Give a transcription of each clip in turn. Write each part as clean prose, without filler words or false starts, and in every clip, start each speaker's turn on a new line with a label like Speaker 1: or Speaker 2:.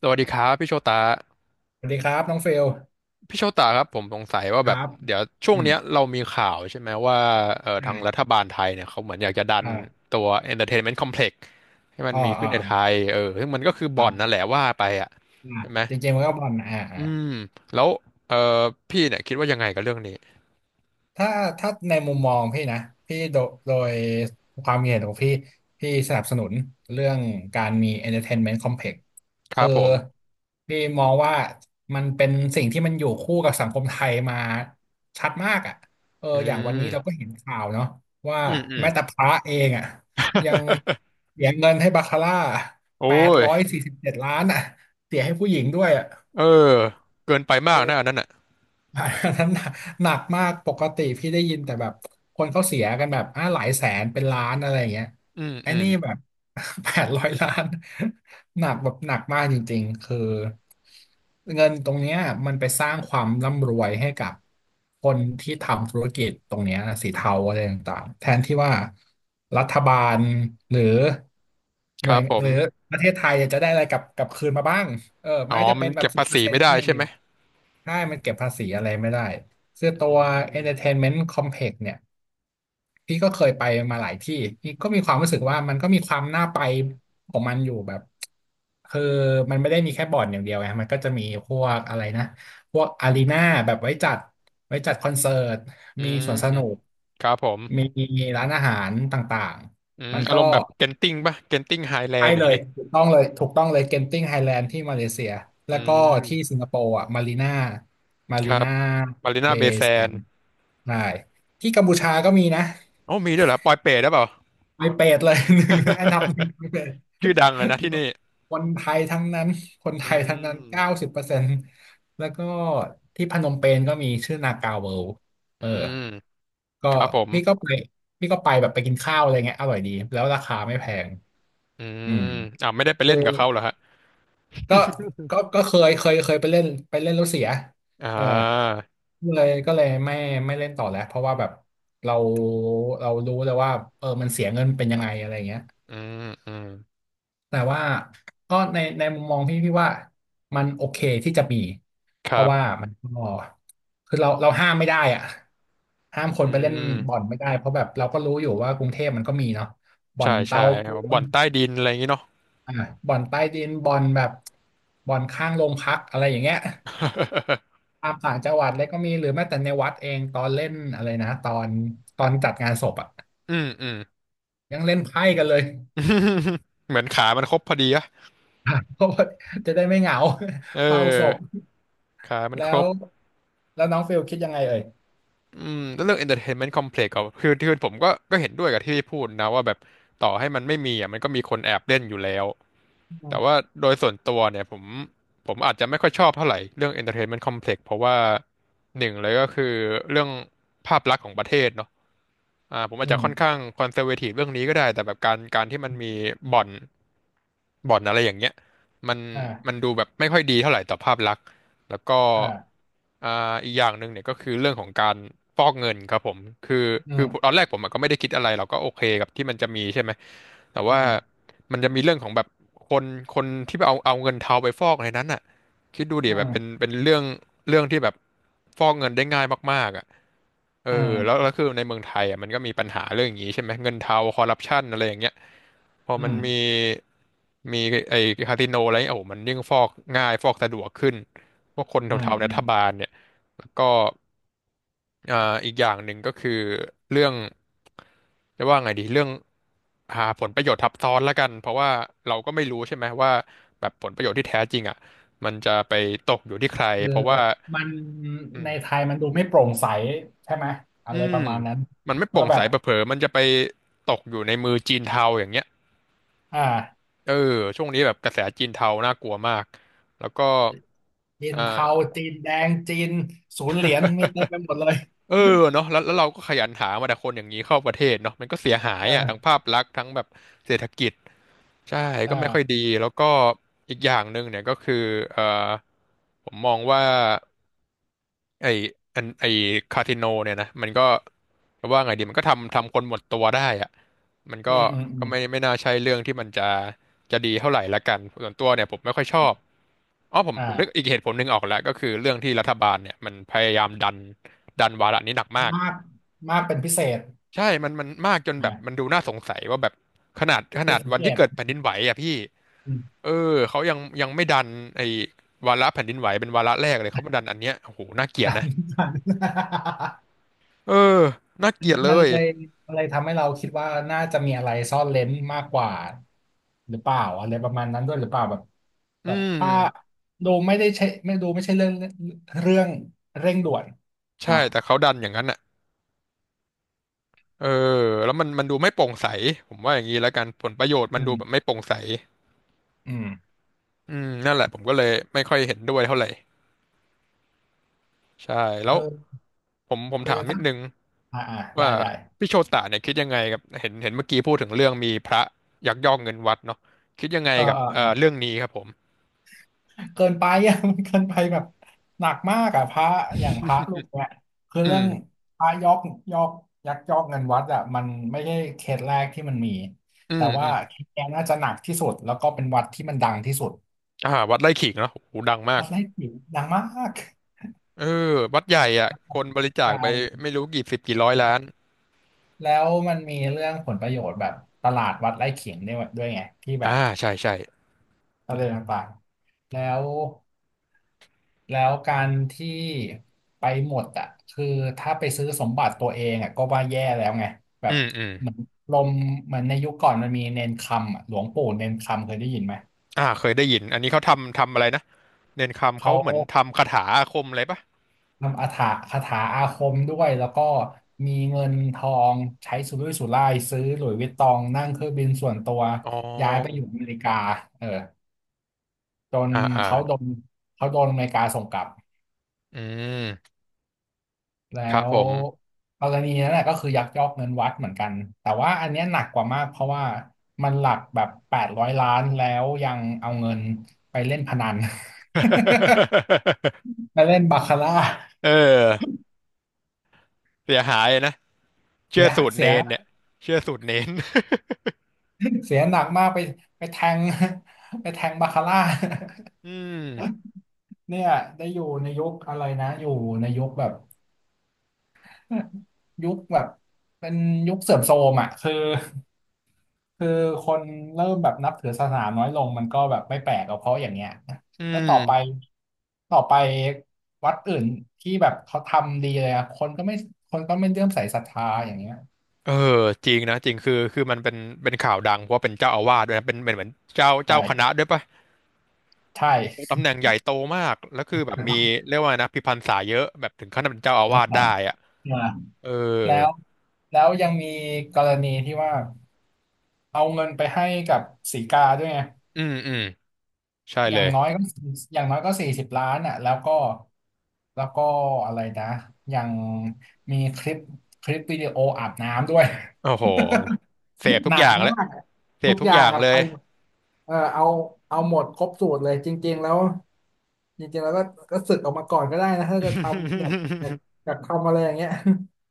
Speaker 1: สวัสดีครับพี่โชตา
Speaker 2: สวัสดีครับน้องเฟล
Speaker 1: พี่โชตาครับผมสงสัยว่า
Speaker 2: ค
Speaker 1: แบ
Speaker 2: รั
Speaker 1: บ
Speaker 2: บ
Speaker 1: เดี๋ยวช่วง
Speaker 2: อืม
Speaker 1: เนี้ยเรามีข่าวใช่ไหมว่าทางรัฐบาลไทยเนี่ยเขาเหมือนอยากจะดัน
Speaker 2: อ่าอ่า
Speaker 1: ตัว Entertainment Complex ให้มัน
Speaker 2: อ๋อ
Speaker 1: มี
Speaker 2: อ๋
Speaker 1: ขึ้
Speaker 2: อ
Speaker 1: นใน
Speaker 2: อ๋
Speaker 1: ไท
Speaker 2: อ
Speaker 1: ยเออซึ่งมันก็คือ
Speaker 2: ค
Speaker 1: บ่
Speaker 2: รั
Speaker 1: อนนั่นแห
Speaker 2: บ
Speaker 1: ละว่าไปอ่ะ
Speaker 2: อ่า
Speaker 1: ใช่ไหม
Speaker 2: เจริงมันก็บอล
Speaker 1: อืมแล้วเอ่อพี่เนี่ยคิดว่ายังไงกับเรื่องนี้
Speaker 2: ถ้าถ้าในมุมมองพี่นะพี่โดยความเห็นของพี่สนับสนุนเรื่องการมี entertainment complex
Speaker 1: ครั
Speaker 2: คือ
Speaker 1: บผม
Speaker 2: พี่มองว่ามันเป็นสิ่งที่มันอยู่คู่กับสังคมไทยมาชัดมากอ่ะเออ
Speaker 1: อื
Speaker 2: อย่างวันนี้เราก็
Speaker 1: ม
Speaker 2: เห็นข่าวเนาะว่า
Speaker 1: อืมอืม
Speaker 2: แม้แต่พระเองอ่ะยัง เสียเงินให้บาคาร่า
Speaker 1: โอ้
Speaker 2: แปด
Speaker 1: ย
Speaker 2: ร้อยสี่สิบเจ็ดล้านอ่ะเสียให้ผู้หญิงด้วยอ่ะ
Speaker 1: เออเกินไปมากนะอันนั้นอ่ะ
Speaker 2: อันนั้นหนักหนักมากปกติพี่ได้ยินแต่แบบคนเขาเสียกันแบบอ่าหลายแสนเป็นล้านอะไรอย่างเงี้ย
Speaker 1: อืม
Speaker 2: ไอ้
Speaker 1: อืม
Speaker 2: นี่แบบ แปดร้อยล้าน หนักแบบหนักมากจริงๆคือเงินตรงเนี้ยมันไปสร้างความร่ำรวยให้กับคนที่ทำธุรกิจตรงเนี้ยสีเทาอะไรต่างๆแทนที่ว่ารัฐบาลหรือห
Speaker 1: ค
Speaker 2: น่ว
Speaker 1: รั
Speaker 2: ย
Speaker 1: บผ
Speaker 2: ห
Speaker 1: ม
Speaker 2: รือประเทศไทยจะได้อะไรกลับคืนมาบ้างเออ
Speaker 1: อ๋อ
Speaker 2: แม้จะ
Speaker 1: มั
Speaker 2: เป็
Speaker 1: น
Speaker 2: นแบ
Speaker 1: เก็
Speaker 2: บ
Speaker 1: บ
Speaker 2: สิ
Speaker 1: ภา
Speaker 2: บเปอ
Speaker 1: ษี
Speaker 2: ร์เซ็น
Speaker 1: ไม่
Speaker 2: ต์
Speaker 1: ได้
Speaker 2: ก็ยัง
Speaker 1: ใช่
Speaker 2: ดี
Speaker 1: ไหม
Speaker 2: ใช่มันเก็บภาษีอะไรไม่ได้คือตั
Speaker 1: อื
Speaker 2: ว
Speaker 1: ม
Speaker 2: Entertainment Complex เนี่ยพี่ก็เคยไปมาหลายที่พี่ก็มีความรู้สึกว่ามันก็มีความน่าไปของมันอยู่แบบ คือมันไม่ได้มีแค่บ่อนอย่างเดียวไงมันก็จะมีพวกอะไรนะ พวกอารีนาแบบไว้จัดคอนเสิร์ต
Speaker 1: อื
Speaker 2: มี
Speaker 1: ม
Speaker 2: สวนสนุก
Speaker 1: ครับผม
Speaker 2: มีร้านอาหารต่าง
Speaker 1: อืม
Speaker 2: ๆ มัน
Speaker 1: อา
Speaker 2: ก็
Speaker 1: รมณ์แบบเกนติ้งป่ะเกนติ้งไฮแล
Speaker 2: ใช่
Speaker 1: นด์อย่า
Speaker 2: เล
Speaker 1: ง
Speaker 2: ย
Speaker 1: งี้
Speaker 2: ถูกต้องเลยถูกต้องเลยเกนติ้งไฮแลนด์ที่มาเลเซีย
Speaker 1: อื
Speaker 2: แล้วก็ที่สิ
Speaker 1: ม
Speaker 2: งคโปร์อ่ะมารีน่ามา
Speaker 1: ค
Speaker 2: รี
Speaker 1: รับ
Speaker 2: น่า
Speaker 1: มารีนา
Speaker 2: เบ
Speaker 1: เบย์
Speaker 2: ย์
Speaker 1: แซ
Speaker 2: แซ
Speaker 1: น
Speaker 2: น
Speaker 1: ด์
Speaker 2: ด์ใช่ที่กัมพูชาก็มีนะ
Speaker 1: โอ้มีด้วยเหรอปอยเปรตหรือเปล่า
Speaker 2: ไปเป็ดเลย หนึ่งอันดับหนึ่งไปเป็ด
Speaker 1: ชื่อดังเลยนะที่นี่
Speaker 2: คนไทยทั้งนั้นคน
Speaker 1: อื
Speaker 2: ไทยทั้งนั้นเก้า
Speaker 1: ม
Speaker 2: สิบเปอร์เซ็นต์แล้วก็ที่พนมเปญก็มีชื่อนาคาเวิลด์เอ
Speaker 1: อื
Speaker 2: อ
Speaker 1: ม
Speaker 2: ก็
Speaker 1: ครับผม
Speaker 2: พี่ก็ไปพี่ก็ไปแบบไปกินข้าวอะไรเงี้ยอร่อยดีแล้วราคาไม่แพง
Speaker 1: อื
Speaker 2: อื
Speaker 1: ม
Speaker 2: ม
Speaker 1: อ่าไม่ได้ไปเล่นกับเขาเหรอฮะ
Speaker 2: ก็ก็เคยไปเล่นแล้วเสีย
Speaker 1: อ่
Speaker 2: เออ
Speaker 1: า
Speaker 2: ก็เลยไม่เล่นต่อแล้วเพราะว่าแบบเราเรารู้แล้วว่าเออมันเสียเงินเป็นยังไงอะไรเงี้ย
Speaker 1: อืม อืม
Speaker 2: แต่ว่าก็ในมุมมองพี่ว่ามันโอเคที่จะมี
Speaker 1: ค
Speaker 2: เพ
Speaker 1: รั
Speaker 2: ราะว่า
Speaker 1: บ
Speaker 2: มันก็คือเราห้ามไม่ได้อ่ะห้ามคน
Speaker 1: อื
Speaker 2: ไปเล่นบ่อน
Speaker 1: ม
Speaker 2: ไม่ได้เพราะแบบเราก็รู้อยู่ว่ากรุงเทพมันก็มีเนาะบ่อ
Speaker 1: ใช่
Speaker 2: น
Speaker 1: ใช่
Speaker 2: เตาปู
Speaker 1: เอาบ่
Speaker 2: น
Speaker 1: อนใต้ดินอะไรอย่างงี้เนาะ
Speaker 2: อ่าบ่อนใต้ดินบ่อนแบบบ่อนข้างโรงพักอะไรอย่างเงี้ย ตามต่างจังหวัดเลยก็มีหรือแม้แต่ในวัดเองตอนเล่นอะไรนะตอนจัดงานศพอ่ะ
Speaker 1: อืม อืม
Speaker 2: ยังเล่นไพ่กันเลย
Speaker 1: เหมือนขามันครบพอดีอะ
Speaker 2: เพราะว่าจะได้ไม่เหงา
Speaker 1: เ
Speaker 2: เฝ้าศพ
Speaker 1: ออ ขามัน
Speaker 2: แล้
Speaker 1: คร
Speaker 2: ว
Speaker 1: บ
Speaker 2: แล้วน้องฟิลคิดยังไงเอ่ย
Speaker 1: อืมแล้วเรื่อง entertainment complex ก็คือผมก็เห็นด้วยกับที่พี่พูดนะว่าแบบต่อให้มันไม่มีอ่ะมันก็มีคนแอบเล่นอยู่แล้ว
Speaker 2: อื
Speaker 1: แต่ว่า
Speaker 2: ม
Speaker 1: โดยส่วนตัวเนี่ยผมผมอาจจะไม่ค่อยชอบเท่าไหร่เรื่อง entertainment complex เพราะว่าหนึ่งเลยก็คือเรื่องภาพลักษณ์ของประเทศเนาะ อ่าผมอา
Speaker 2: อื
Speaker 1: จจะค่อน
Speaker 2: ม
Speaker 1: ข้างคอนเซอร์เวทีฟเรื่องนี้ก็ได้แต่แบบการที่มันมีบ่อนบ่อนอะไรอย่างเงี้ยมันมัน
Speaker 2: อ่า
Speaker 1: ดูแบบไม่ค่อยดีเท่าไหร่ต่อภาพลักษณ์แล้วก็
Speaker 2: อ่า
Speaker 1: อ่าอีกอย่างหนึ่งเนี่ยก็คือเรื่องของการฟอกเงินครับผมคือ
Speaker 2: อื
Speaker 1: คือต
Speaker 2: ม
Speaker 1: อนแรกผมอะก็ไม่ได้คิดอะไรเราก็โอเคกับที่มันจะมีใช่ไหมแต่
Speaker 2: อื
Speaker 1: ว่า
Speaker 2: ม
Speaker 1: มันจะมีเรื่องของแบบคนคนที่ไปเอาเงินเทาไปฟอกในนั้นอ่ะคิดดูดิ
Speaker 2: อื
Speaker 1: แบบ
Speaker 2: ม
Speaker 1: เป็นเรื่องที่แบบฟอกเงินได้ง่ายมากๆอ่ะ เอ
Speaker 2: อื
Speaker 1: แล้ว
Speaker 2: ม
Speaker 1: คือในเมืองไทยอ่ะมันก็มีปัญหาเรื่องอย่างนี้ใช่ไหมเงินเทาคอร์รัปชันอะไรอย่างเงี้ยพอ
Speaker 2: อื
Speaker 1: มันมี
Speaker 2: ม
Speaker 1: มีไอ้คาสิโนอะไรเงี้ยโอ้โหมันยิ่งฟอกง่ายฟอกสะดวกขึ้นพวกคน
Speaker 2: อืม
Speaker 1: เทาๆใน
Speaker 2: อื
Speaker 1: รั
Speaker 2: ม
Speaker 1: ฐบาลเนี่ยแล้วก็อ่าอีกอย่างหนึ่งก็คือเรื่องจะว่าไงดีเรื่องหาผลประโยชน์ทับซ้อนละกันเพราะว่าเราก็ไม่รู้ใช่ไหมว่าแบบผลประโยชน์ที่แท้จริงอ่ะมันจะไปตกอยู่ที่ใคร
Speaker 2: คือ
Speaker 1: เพราะว่า
Speaker 2: มัน
Speaker 1: อืม
Speaker 2: ในไทยมันดูไม่โปร่งใสใช่ไหมอะ
Speaker 1: อื
Speaker 2: ไรป
Speaker 1: ม
Speaker 2: ระมาณนั้น
Speaker 1: มันไม่โปร่
Speaker 2: ว่า
Speaker 1: ง
Speaker 2: แบ
Speaker 1: ใส
Speaker 2: บ
Speaker 1: เผลอๆมันจะไปตกอยู่ในมือจีนเทาอย่างเงี้ย
Speaker 2: อ่า
Speaker 1: เออช่วงนี้แบบกระแสจีนเทาน่ากลัวมากแล้วก็
Speaker 2: จีน
Speaker 1: อ่า
Speaker 2: เทาจีนแดงจีนศูนย์เหรียญมีเต็มไปหมดเลย
Speaker 1: เออเนาะแล้วเราก็ขยันหามาแต่คนอย่างนี้เข้าประเทศเนาะมันก็เสียหายอ่ะทั้ง
Speaker 2: เออ
Speaker 1: ภาพลักษณ์ทั้งแบบเศรษฐกิจใช่
Speaker 2: เอ
Speaker 1: ก็ไม่ค่อยดี
Speaker 2: อ
Speaker 1: แล้วก็อีกอย่างหนึ่งเนี่ยก็คือเออผมมองว่า ไอไอคาทิโนเนี่ยนะมันก็ว่าไงดีมันก็ทำคนหมดตัวได้อะมันก็
Speaker 2: อืมอืมอืม
Speaker 1: ไม่น่าใช่เรื่องที่มันจะดีเท่าไหร่ละกันส่วนตัวเนี่ยผมไม่ค่อยชอบอ๋อผมนึก
Speaker 2: อ่า
Speaker 1: อีกเหตุผลหนึ่งออกแล้วก็คือเรื่องที่รัฐบาลเนี่ยมันพยายามดันวาระนี้หนักมาก
Speaker 2: มากมากเป็นพิเศษ
Speaker 1: ใช่มันมากจนแบบมัน
Speaker 2: อ่า
Speaker 1: ดูน่าสงสัยว่าแบบข
Speaker 2: ผิ
Speaker 1: นา
Speaker 2: ด
Speaker 1: ด
Speaker 2: สัง
Speaker 1: วัน
Speaker 2: เก
Speaker 1: ที่
Speaker 2: ต
Speaker 1: เกิ ดแผ่นดินไหวอ่ะพี่
Speaker 2: อืม
Speaker 1: เออเขายังไม่ดันไอ้วาระแผ่นดินไหวเป็นวาระแรกเลยเขามาดันอันเนี้ยโอ้โหน่าเกลียด
Speaker 2: ตาม
Speaker 1: นะ
Speaker 2: นิทาน
Speaker 1: เออน่าเกลียดเล
Speaker 2: มัน
Speaker 1: ย
Speaker 2: เลยมันเลยทำให้เราคิดว่าน่าจะมีอะไรซ่อนเร้นมากกว่าหรือเปล่าอะไรประมาณนั้นด้วยหรือเปล่าแบบ
Speaker 1: อื
Speaker 2: แบบถ้า
Speaker 1: ม
Speaker 2: ดูไม่ได้ใช่ไม่ดูไม่ใช่เรื่องเรื่องเร่งด่วน
Speaker 1: ใช่
Speaker 2: เนาะ
Speaker 1: แต่เขาดันอย่างนั้นอ่ะเออแล้วมันดูไม่โปร่งใสผมว่าอย่างนี้แล้วกันผลประโยชน์มั
Speaker 2: อื
Speaker 1: นดูแบบ
Speaker 2: ม
Speaker 1: ไม่โปร่งใส
Speaker 2: อืม
Speaker 1: อืมนั่นแหละผมก็เลยไม่ค่อยเห็นด้วยเท่าไหร่ใช่แล้ว
Speaker 2: เออ
Speaker 1: ผม
Speaker 2: คือ
Speaker 1: ถามนิ
Speaker 2: ถ้า
Speaker 1: ดนึง
Speaker 2: อ่าอ่าได้
Speaker 1: ว่า
Speaker 2: ได้
Speaker 1: พี่โชตะเนี่ยคิดยังไงกับเห็นเมื่อกี้พูดถึงเรื่องมีพระยักยอกเงินวัดเนาะคิดยังไง
Speaker 2: เออ
Speaker 1: กับ
Speaker 2: เออ
Speaker 1: เรื่องนี้ครับผม
Speaker 2: เกินไปอ่ะ มันเกินไปแบบหนักมากอ่ะพระอย่างพระลูกเนี่ยคือ
Speaker 1: อื
Speaker 2: เรื่อง
Speaker 1: ม
Speaker 2: พระยอกยอกยักยอกเงินวัดอ่ะมันไม่ใช่เคสแรกที่มันมี
Speaker 1: อื
Speaker 2: แต่
Speaker 1: มอื
Speaker 2: ว่า
Speaker 1: ม
Speaker 2: เคสเนี้ยน่าจะหนักที่สุดแล้วก็เป็นวัดที่มันดังที่สุด
Speaker 1: อ่าวัดไร่ขิงเนาะโอ้โหดังมาก
Speaker 2: วัดไร่ขิงดังมาก
Speaker 1: เออวัดใหญ่อ่ะคนบริจาค
Speaker 2: ใหา
Speaker 1: ไป
Speaker 2: ่
Speaker 1: ไม่รู้กี่สิบกี่ร้อยล้าน
Speaker 2: แล้วมันมีเรื่องผลประโยชน์แบบตลาดวัดไร่ขิงด้วยไงที่แบ
Speaker 1: อ่า
Speaker 2: บ
Speaker 1: ใช่ใช่
Speaker 2: ประเดนต่างๆแล้ว แล้วการที่ไปหมดอ่ะคือถ้าไปซื้อสมบัติตัวเองอ่ะก็ว่าแย่แล้วไงแบ
Speaker 1: อื
Speaker 2: บ
Speaker 1: มอืม
Speaker 2: เหมือนลมเหมือนในยุคก่อนมันมีเนนคำอะหลวงปู่เนนคำเคยได้ยินไหม
Speaker 1: อ่าเคยได้ยินอันนี้เขาทำอะไรนะเนนคำเขา
Speaker 2: เขา
Speaker 1: เหมือนทำคาถาอาคมอะไรปะ
Speaker 2: ทำอาถรรพ์คาถาอาคมด้วยแล้วก็มีเงินทองใช้สุรุ่ยสุร่ายซื้อหลุยส์วิตตองนั่งเครื่องบินส่วนตัว
Speaker 1: อ๋อ
Speaker 2: ย้ายไปอยู่อเมริกาเออจน
Speaker 1: อ่าอ่า
Speaker 2: เขาโดนเขาโดนอเมริกาส่งกลับ
Speaker 1: อืม
Speaker 2: แล้
Speaker 1: ครับผ
Speaker 2: ว
Speaker 1: ม
Speaker 2: กรณีนั้นแหละก็คือยักยอกเงินวัดเหมือนกันแต่ว่าอันเนี้ยหนักกว่ามากเพราะว่ามันหลักแบบแปดร้อยล้านแล้วยังเอาเงินไปเล่นพนัน ไปเล่นบาคาร่า
Speaker 1: เออเสียหายนะเชื่
Speaker 2: เสี
Speaker 1: อ
Speaker 2: ย
Speaker 1: สูตร
Speaker 2: เสี
Speaker 1: เน
Speaker 2: ย
Speaker 1: นเนี่ยเชื่อสูตรเนน
Speaker 2: เสียหนักมากไปแทงไปแทงบาคาร่า
Speaker 1: อืม
Speaker 2: เนี่ยได้อยู่ในยุคอะไรนะอยู่ในยุคแบบ ยุคแบบเป็นยุคเสื่อมโทรมอ่ะคือ คือคนเริ่มแบบนับถือศาสนาน้อยลงมันก็แบบไม่แปลกหรอกเพราะอย่างเงี้ยนะ
Speaker 1: อื
Speaker 2: แล้ว
Speaker 1: ม
Speaker 2: ต่อไปต่อไปวัดอื่นที่แบบเขาทำดีเลยอะคนก็ไม่เลื่อมใสศรัทธาอย่างเงี้ย
Speaker 1: เออจริงนะจริงคือมันเป็นข่าวดังเพราะว่าเป็นเจ้าอาวาสด้วยนะเป็นเหมือนเจ้า
Speaker 2: ใ
Speaker 1: เจ้าคณะ
Speaker 2: ช่
Speaker 1: ด้วยปะ
Speaker 2: ใช
Speaker 1: ตำ
Speaker 2: ่
Speaker 1: แหน่งใหญ่โตมากแล้วคือ แบบ
Speaker 2: จะ
Speaker 1: มี
Speaker 2: ต้อง
Speaker 1: เรียกว่านะพิพรรษาเยอะแบบถึงขั้นเป็นเจ้าอา
Speaker 2: นั
Speaker 1: วาส
Speaker 2: แล
Speaker 1: ได้อะ
Speaker 2: มา
Speaker 1: เออ
Speaker 2: แล้วแล้วยังมีกรณีที่ว่าเอาเงินไปให้กับสีกาด้วยไง
Speaker 1: อืมอืมใช่
Speaker 2: อ
Speaker 1: เล
Speaker 2: ย่าง
Speaker 1: ย
Speaker 2: น้อยก็40 ล้านอ่ะแล้วก็แล้วก็อะไรนะยังมีคลิปวิดีโออาบน้ำด้วย
Speaker 1: โอ้โหเสพ ทุ
Speaker 2: ห
Speaker 1: ก
Speaker 2: นั
Speaker 1: อ
Speaker 2: ก
Speaker 1: ย่าง
Speaker 2: มา
Speaker 1: แล้ว
Speaker 2: ก
Speaker 1: เส
Speaker 2: ทุ
Speaker 1: พ
Speaker 2: ก
Speaker 1: ทุ
Speaker 2: อ
Speaker 1: ก
Speaker 2: ย่า
Speaker 1: อ
Speaker 2: ง
Speaker 1: ย่าง
Speaker 2: อะ
Speaker 1: เล
Speaker 2: ไป
Speaker 1: ย
Speaker 2: หมดเออเอาหมดครบสูตรเลยจริงๆแล้วจริงๆแล้วก็ก็สึกออกมาก่อนก็ได้นะถ้าจะทำอยากอยาก อยากทำอะไรอย่างเงี้ย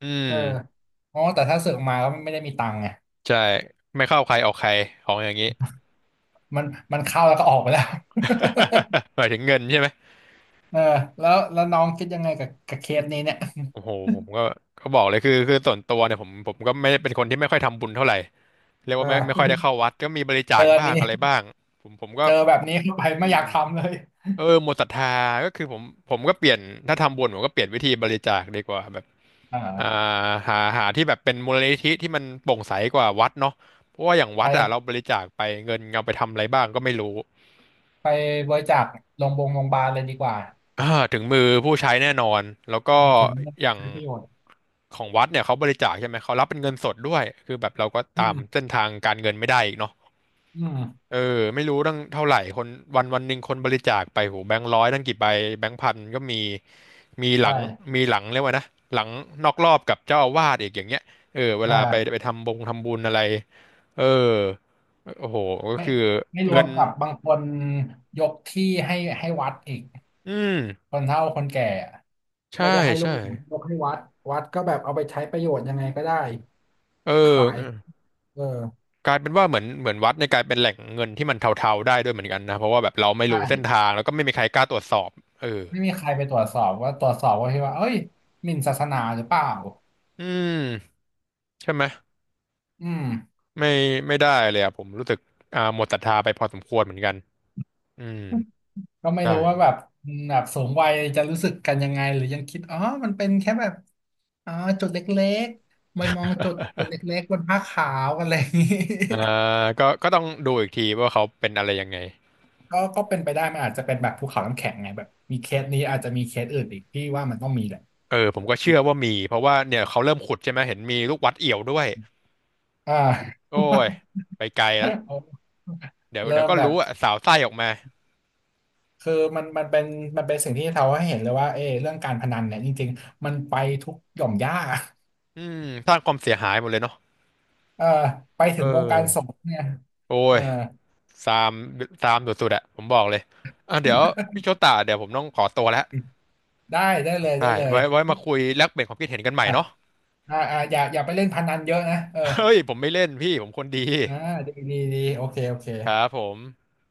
Speaker 1: อื
Speaker 2: เออ
Speaker 1: ม
Speaker 2: อ๋อแต่ถ้าสึกออกมาก็ไม่ได้มีตังค์ไง
Speaker 1: ใช่ไม่เข้าใครออกใครของอย่างนี้
Speaker 2: มันมันเข้าแล้วก็ออกไปแล้ว
Speaker 1: หมายถึงเงินใช่ไหม
Speaker 2: เออแล้วน้องคิดยังไงกับเคสนี้เนี่ย
Speaker 1: โอ้โหผมก็ก็บอกเลยคือส่วนตัวเนี่ยผมก็ไม่ได้เป็นคนที่ไม่ค่อยทำบุญเท่าไหร่เรียก
Speaker 2: อ่
Speaker 1: ว่าไม่ค่อยได้
Speaker 2: า
Speaker 1: เข้าวัดก็มีบริจา
Speaker 2: เจอ
Speaker 1: ค
Speaker 2: อัน
Speaker 1: บ้าง
Speaker 2: นี้
Speaker 1: อะไรบ้างผมก็
Speaker 2: เจอแบบนี้เข้าไป
Speaker 1: อื
Speaker 2: ไม่อ
Speaker 1: ม
Speaker 2: ยากทำเลย
Speaker 1: เออหมดศรัทธาก็คือผมผมก็เปลี่ยนถ้าทำบุญผมก็เปลี่ยนวิธีบริจาคดีกว่าแบบ
Speaker 2: อ่
Speaker 1: อ่า
Speaker 2: า
Speaker 1: หาหาที่แบบเป็นมูลนิธิที่มันโปร่งใสกว่าวัดเนาะเพราะว่าอย่างวัดอ่ะ
Speaker 2: ไป
Speaker 1: เราบริจาคไปเงินเอาไปทำอะไรบ้างก็ไม่รู้
Speaker 2: ไปบริจาคโรงพยาบาลโรงพยาบาลเลยดีกว่า
Speaker 1: อ่าถึงมือผู้ใช้แน่นอนแล้ว
Speaker 2: อื
Speaker 1: ก็
Speaker 2: มถึง
Speaker 1: อย่าง
Speaker 2: ประโยชน์
Speaker 1: ของวัดเนี่ยเขาบริจาคใช่ไหมเขารับเป็นเงินสดด้วยคือแบบเราก็
Speaker 2: อื
Speaker 1: ตาม
Speaker 2: ม
Speaker 1: เส้นทางการเงินไม่ได้อีกเนาะ
Speaker 2: อืม
Speaker 1: เออไม่รู้ตั้งเท่าไหร่คนวันวันหนึ่งคนบริจาคไปโหแบงค์ร้อยตั้งกี่ใบแบงค์พันก็มีมีห
Speaker 2: ใช่
Speaker 1: ลังมีหลังเรียกว่านะหลังนอกรอบกับเจ้าอาวาสอีกอย่างเงี้ยเออเวลาไปไป
Speaker 2: อ่า
Speaker 1: ทำบงทำบุญอะไรเออโอ้โหก็
Speaker 2: ไม่
Speaker 1: คือ
Speaker 2: ร
Speaker 1: เงิ
Speaker 2: วม
Speaker 1: น
Speaker 2: กับบางคนยกที่ให้วัดอีก
Speaker 1: อืม
Speaker 2: คนเฒ่าคนแก่อะ
Speaker 1: ใช่
Speaker 2: ไม่ได้ให้ลู
Speaker 1: ใช่
Speaker 2: กหลานยกให้วัดวัดก็แบบเอาไปใช้ประโยชน์ยังไงก็ได้
Speaker 1: เ
Speaker 2: ขาย
Speaker 1: ออ
Speaker 2: เออ
Speaker 1: กลายเป็นว่าเหมือนวัดในยกลายเป็นแหล่งเงินที่มันเทาๆได้ด้วยเหมือนกันนะเพราะว่าแบบเราไม่รู้เส้น
Speaker 2: ใช่
Speaker 1: ทางแล้วก็ไม่มีใครกล้าตรวจสอบเออ
Speaker 2: ไม่มีใครไปตรวจสอบว่าตรวจสอบว่าที่ว่าเอ้ยหมิ่นศาสนาหรือเปล่า
Speaker 1: อืมใช่ไหม
Speaker 2: อืม
Speaker 1: ไม่ไม่ได้เลยอะผมรู้สึกอ่าหมดศรัทธาไปพอสมควรเหมือนกันอืม
Speaker 2: ก็ไม่
Speaker 1: ใช่
Speaker 2: รู้ว่าแบบมแบบสูงวัยจะรู้สึกกันยังไงหรือยังคิดอ๋อมันเป็นแค่แบบอ๋อจุดเล็กๆไม่มองจุดเล็กๆบนผ้าขาวอะไรอย่างนี้
Speaker 1: อ่าก็ก็ต้องดูอีกทีว่าเขาเป็นอะไรยังไง
Speaker 2: ก็เป็นไปได้มันอาจจะเป็นแบบภูเขาน้ำแข็งไงแบบมีเคสนี้อาจจะมีเคสอื่นอีกที่ว่ามันต้องมีแหละ
Speaker 1: เออผมก็เชื่อว่ามีเพราะว่าเนี่ยเขาเริ่มขุดใช่ไหมเห็นมีลูกวัดเอี่ยวด้วย
Speaker 2: อ่า
Speaker 1: โอ้ยไปไกลแล้ว เดี๋ยวเดี๋
Speaker 2: เริ่
Speaker 1: ยว
Speaker 2: ม
Speaker 1: ก็
Speaker 2: แบ
Speaker 1: รู้
Speaker 2: บ
Speaker 1: อะสาวไส้ออกมา
Speaker 2: คือมันมันเป็นสิ่งที่เราให้เห็นเลยว่าเออเรื่องการพนันเนี่ยจริงๆมันไปทุกหย่อมหญ้า
Speaker 1: อืมสร้างความเสียหายหมดเลยเนาะ
Speaker 2: เออไปถึ
Speaker 1: เออ
Speaker 2: งวงการสงฆ์เนี่ย
Speaker 1: โอ้
Speaker 2: เออ
Speaker 1: ยซามซามสุดๆอะผมบอกเลยอ่ะเดี๋ยวพี่โชตาเดี๋ยวผมต้องขอตัวแล้ว
Speaker 2: ได้ได้เลย
Speaker 1: ใช่
Speaker 2: ได้เลย
Speaker 1: ไว้มาคุยแลกเปลี่ยนความคิดเห็นกันใหม่
Speaker 2: อ่ะ
Speaker 1: เนาะ
Speaker 2: อ่าอ่าอย่าไปเล่นพนันเยอะนะเออ
Speaker 1: เฮ้ยผมไม่เล่นพี่ผมคนดี
Speaker 2: อ่าดีดีดีโอเคโอเค
Speaker 1: ครับผม